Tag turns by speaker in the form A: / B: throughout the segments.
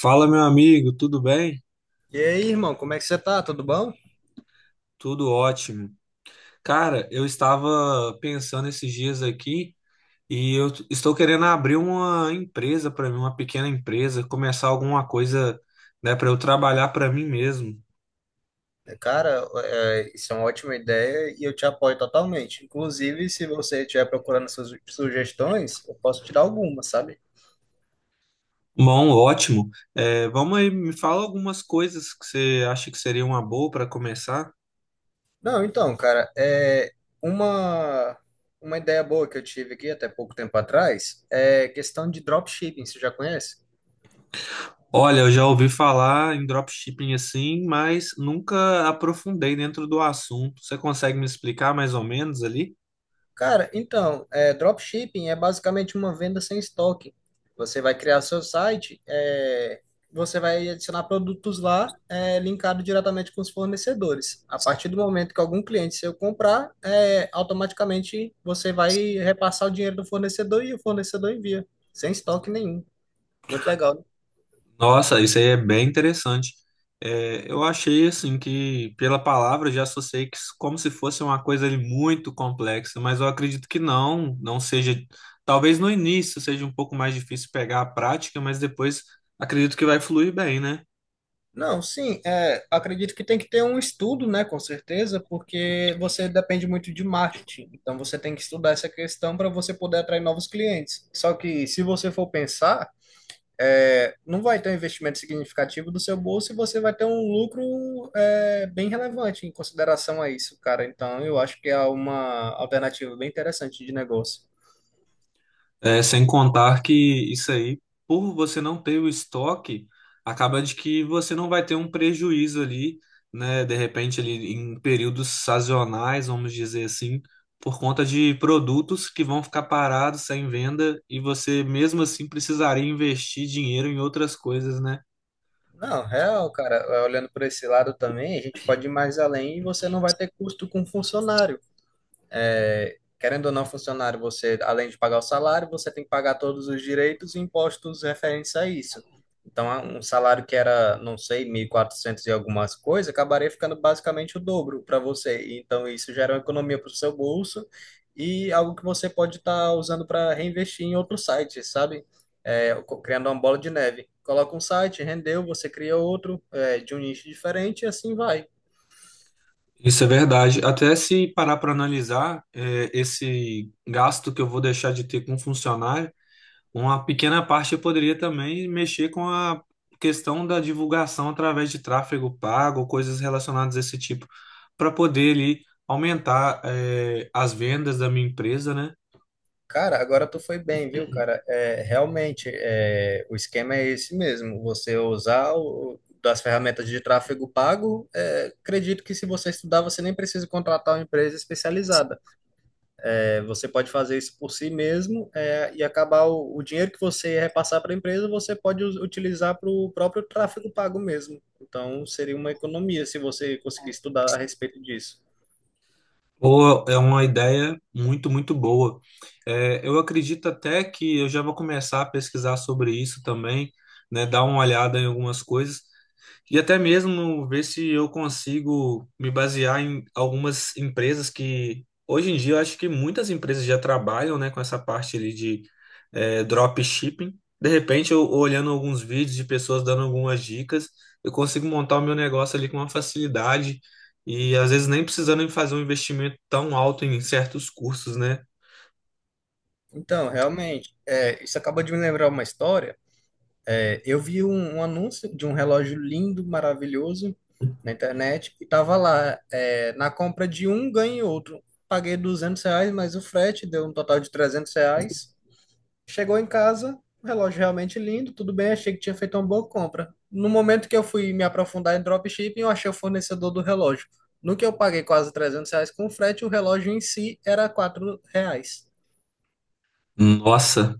A: Fala, meu amigo, tudo bem?
B: E aí, irmão, como é que você tá? Tudo bom?
A: Tudo ótimo. Cara, eu estava pensando esses dias aqui e estou querendo abrir uma empresa para mim, uma pequena empresa, começar alguma coisa, né, para eu trabalhar para mim mesmo.
B: É, cara, isso é uma ótima ideia e eu te apoio totalmente. Inclusive, se você estiver procurando suas sugestões, eu posso te dar algumas, sabe?
A: Bom, ótimo. É, vamos aí, me fala algumas coisas que você acha que seria uma boa para começar.
B: Não, então, cara, é uma, uma ideia boa que eu tive aqui até pouco tempo atrás é questão de dropshipping, você já conhece?
A: Olha, eu já ouvi falar em dropshipping assim, mas nunca aprofundei dentro do assunto. Você consegue me explicar mais ou menos ali?
B: Cara, então, dropshipping é basicamente uma venda sem estoque. Você vai criar seu site, você vai adicionar produtos lá, linkado diretamente com os fornecedores. A partir do momento que algum cliente seu comprar, automaticamente você vai repassar o dinheiro do fornecedor e o fornecedor envia, sem estoque nenhum. Muito legal, né?
A: Nossa, isso aí é bem interessante. É, eu achei assim que pela palavra eu já associei como se fosse uma coisa ali muito complexa, mas eu acredito que não, não seja. Talvez no início seja um pouco mais difícil pegar a prática, mas depois acredito que vai fluir bem, né?
B: Não, sim, acredito que tem que ter um estudo, né, com certeza, porque você depende muito de marketing. Então você tem que estudar essa questão para você poder atrair novos clientes. Só que se você for pensar, não vai ter um investimento significativo do seu bolso e você vai ter um lucro bem relevante em consideração a isso, cara. Então eu acho que é uma alternativa bem interessante de negócio.
A: É, sem contar que isso aí, por você não ter o estoque, acaba de que você não vai ter um prejuízo ali, né? De repente, ali em períodos sazonais, vamos dizer assim, por conta de produtos que vão ficar parados sem venda e você mesmo assim precisaria investir dinheiro em outras coisas, né?
B: Não, real, cara, olhando por esse lado também, a gente pode ir mais além e você não vai ter custo com funcionário. Querendo ou não, funcionário, você, além de pagar o salário, você tem que pagar todos os direitos e impostos referentes a isso. Então, um salário que era, não sei, 1.400 e algumas coisas, acabaria ficando basicamente o dobro para você. Então, isso gera uma economia para o seu bolso e algo que você pode estar usando para reinvestir em outros sites, sabe? Criando uma bola de neve. Coloca um site, rendeu, você cria outro, de um nicho diferente e assim vai.
A: Isso é verdade. Até se parar para analisar, é, esse gasto que eu vou deixar de ter com um funcionário. Uma pequena parte eu poderia também mexer com a questão da divulgação através de tráfego pago, coisas relacionadas a esse tipo, para poder ali aumentar as vendas da minha empresa, né?
B: Cara, agora tu foi bem, viu, cara? É, realmente, o esquema é esse mesmo. Você usar das ferramentas de tráfego pago, acredito que se você estudar, você nem precisa contratar uma empresa especializada. É, você pode fazer isso por si mesmo, e acabar o dinheiro que você repassar para a empresa, você pode utilizar para o próprio tráfego pago mesmo. Então, seria uma economia se você conseguir estudar a respeito disso.
A: Ou é uma ideia muito, muito boa. Eu acredito até que eu já vou começar a pesquisar sobre isso também, né? Dar uma olhada em algumas coisas, e até mesmo ver se eu consigo me basear em algumas empresas que, hoje em dia, eu acho que muitas empresas já trabalham, né, com essa parte ali de dropshipping. De repente, eu olhando alguns vídeos de pessoas dando algumas dicas, eu consigo montar o meu negócio ali com uma facilidade e, às vezes, nem precisando fazer um investimento tão alto em certos cursos, né?
B: Então, realmente, isso acaba de me lembrar uma história. Eu vi um anúncio de um relógio lindo, maravilhoso na internet e tava lá, na compra de um ganhei outro. Paguei R$ 200, mas o frete deu um total de R$ 300. Chegou em casa, o relógio realmente lindo, tudo bem, achei que tinha feito uma boa compra. No momento que eu fui me aprofundar em dropshipping, eu achei o fornecedor do relógio. No que eu paguei quase R$ 300 com o frete, o relógio em si era R$ 4.
A: Nossa,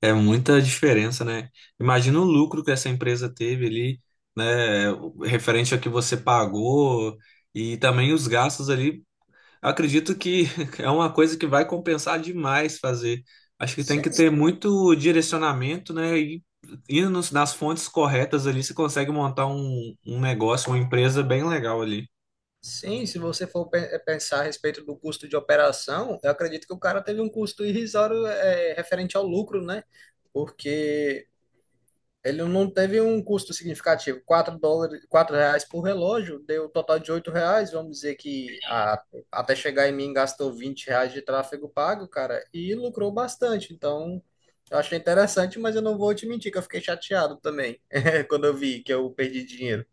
A: é muita diferença, né? Imagina o lucro que essa empresa teve ali, né? Referente ao que você pagou e também os gastos ali. Acredito que é uma coisa que vai compensar demais fazer. Acho que tem que
B: Sim,
A: ter muito direcionamento, né? E indo nas fontes corretas ali, você consegue montar um negócio, uma empresa bem legal ali.
B: sim, se você for pensar a respeito do custo de operação, eu acredito que o cara teve um custo irrisório referente ao lucro, né? Porque ele não teve um custo significativo. US$ 4, R$ 4 por relógio, deu um total de R$ 8. Vamos dizer que até chegar em mim gastou R$ 20 de tráfego pago, cara, e lucrou bastante. Então, eu achei interessante, mas eu não vou te mentir que eu fiquei chateado também quando eu vi que eu perdi dinheiro.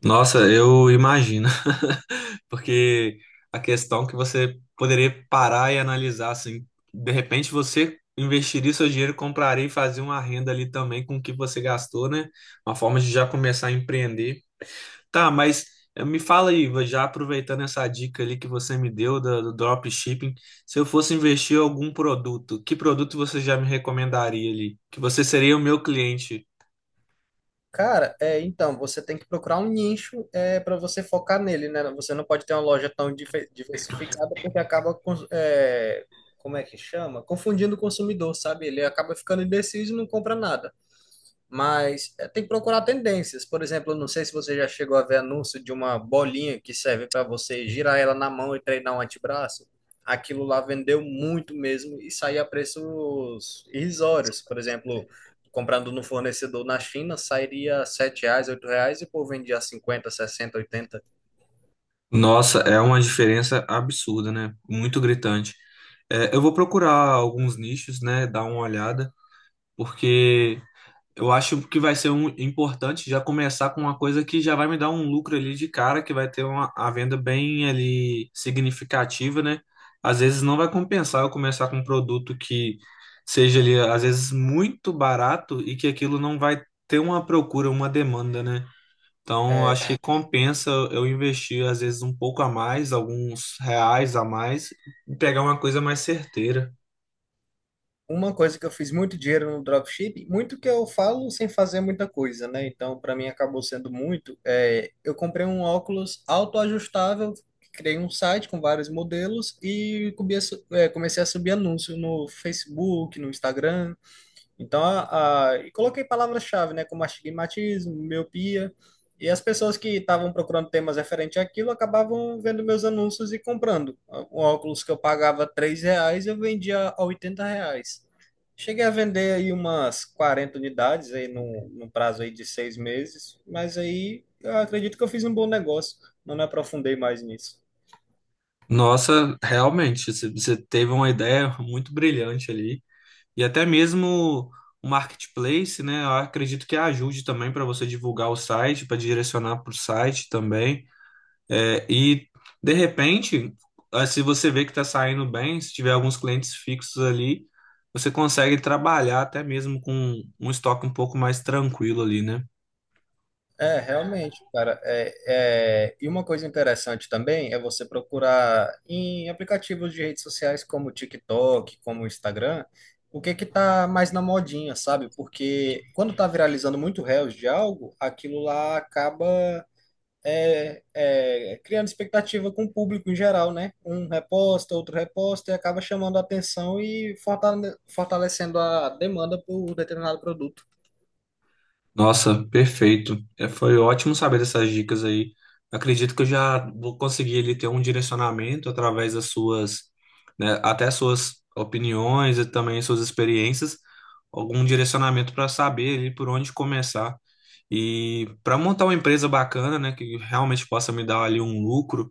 A: Nossa, eu imagino. Porque a questão que você poderia parar e analisar, assim, de repente você investiria seu dinheiro, compraria e fazer uma renda ali também com o que você gastou, né? Uma forma de já começar a empreender. Tá, mas me fala aí, já aproveitando essa dica ali que você me deu do dropshipping, se eu fosse investir em algum produto, que produto você já me recomendaria ali? Que você seria o meu cliente?
B: Cara, então, você tem que procurar um nicho para você focar nele, né? Você não pode ter uma loja tão diversificada porque acaba, como é que chama? Confundindo o consumidor, sabe? Ele acaba ficando indeciso e não compra nada, mas tem que procurar tendências. Por exemplo, eu não sei se você já chegou a ver anúncio de uma bolinha que serve para você girar ela na mão e treinar um antebraço. Aquilo lá vendeu muito mesmo e saía a preços irrisórios. Por exemplo, comprando no fornecedor na China, sairia R$ 7, R$ 8 e o povo vendia 50, 60, 80.
A: Nossa, é uma diferença absurda, né? Muito gritante. É, eu vou procurar alguns nichos, né? Dar uma olhada, porque eu acho que vai ser importante já começar com uma coisa que já vai me dar um lucro ali de cara, que vai ter uma a venda bem ali significativa, né? Às vezes não vai compensar eu começar com um produto que seja ali, às vezes, muito barato e que aquilo não vai ter uma procura, uma demanda, né? Então, acho que compensa eu investir, às vezes, um pouco a mais, alguns reais a mais, e pegar uma coisa mais certeira.
B: Uma coisa que eu fiz muito dinheiro no dropship, muito que eu falo sem fazer muita coisa, né? Então, para mim acabou sendo muito. É, eu comprei um óculos autoajustável, criei um site com vários modelos e comecei a subir anúncio no Facebook, no Instagram. Então, e coloquei palavras-chave, né, como astigmatismo, miopia, e as pessoas que estavam procurando temas referentes àquilo acabavam vendo meus anúncios e comprando. Um óculos que eu pagava R$ 3, eu vendia a R$ 80. Cheguei a vender aí umas 40 unidades aí num prazo aí de 6 meses, mas aí eu acredito que eu fiz um bom negócio, não me aprofundei mais nisso.
A: Nossa, realmente, você teve uma ideia muito brilhante ali. E até mesmo o marketplace, né? Eu acredito que ajude também para você divulgar o site, para direcionar para o site também. É, e de repente, ah, se você vê que está saindo bem, se tiver alguns clientes fixos ali, você consegue trabalhar até mesmo com um estoque um pouco mais tranquilo ali, né?
B: É, realmente, cara. E uma coisa interessante também é você procurar em aplicativos de redes sociais como o TikTok, como o Instagram, o que é que tá mais na modinha, sabe? Porque quando tá viralizando muito reels de algo, aquilo lá acaba criando expectativa com o público em geral, né? Um reposta, outro reposta, e acaba chamando a atenção e fortalecendo a demanda por um determinado produto.
A: Nossa, perfeito. É, foi ótimo saber dessas dicas aí. Acredito que eu já vou conseguir ali ter um direcionamento através das suas, né, até suas opiniões e também suas experiências, algum direcionamento para saber ali por onde começar. E para montar uma empresa bacana, né, que realmente possa me dar ali um lucro.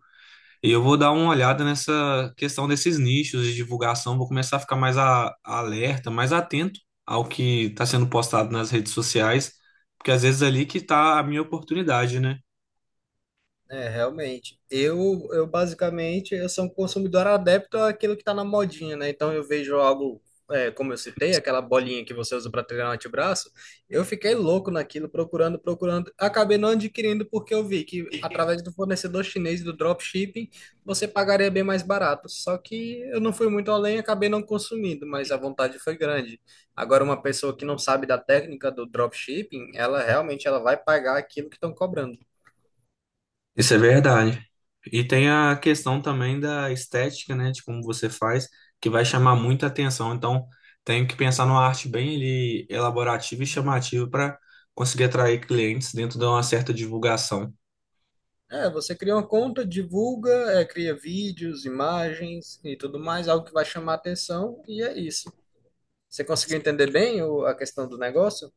A: E eu vou dar uma olhada nessa questão desses nichos de divulgação, vou começar a ficar mais alerta, mais atento ao que está sendo postado nas redes sociais, porque às vezes é ali que está a minha oportunidade, né?
B: É, realmente. Eu basicamente, eu sou um consumidor adepto àquilo que está na modinha, né? Então eu vejo algo, como eu citei, aquela bolinha que você usa para treinar o antebraço, eu fiquei louco naquilo, procurando, procurando. Acabei não adquirindo porque eu vi que através do fornecedor chinês do dropshipping, você pagaria bem mais barato. Só que eu não fui muito além, acabei não consumindo, mas a vontade foi grande. Agora, uma pessoa que não sabe da técnica do dropshipping, ela realmente ela vai pagar aquilo que estão cobrando.
A: Isso é verdade. E tem a questão também da estética, né, de como você faz, que vai chamar muita atenção. Então, tenho que pensar numa arte bem ali elaborativa e chamativa para conseguir atrair clientes dentro de uma certa divulgação.
B: É, você cria uma conta, divulga, cria vídeos, imagens e tudo mais, algo que vai chamar atenção, e é isso. Você conseguiu entender bem a questão do negócio?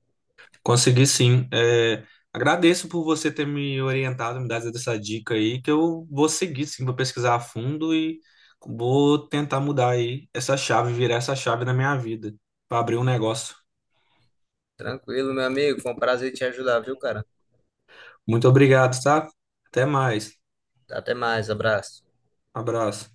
A: Consegui sim. É, agradeço por você ter me orientado, me dado essa dica aí, que eu vou seguir sim, vou pesquisar a fundo e vou tentar mudar aí essa chave, virar essa chave na minha vida, para abrir um negócio.
B: Tranquilo, meu amigo, foi um prazer te ajudar, viu, cara?
A: Muito obrigado, tá? Até mais.
B: Até mais, abraço.
A: Abraço.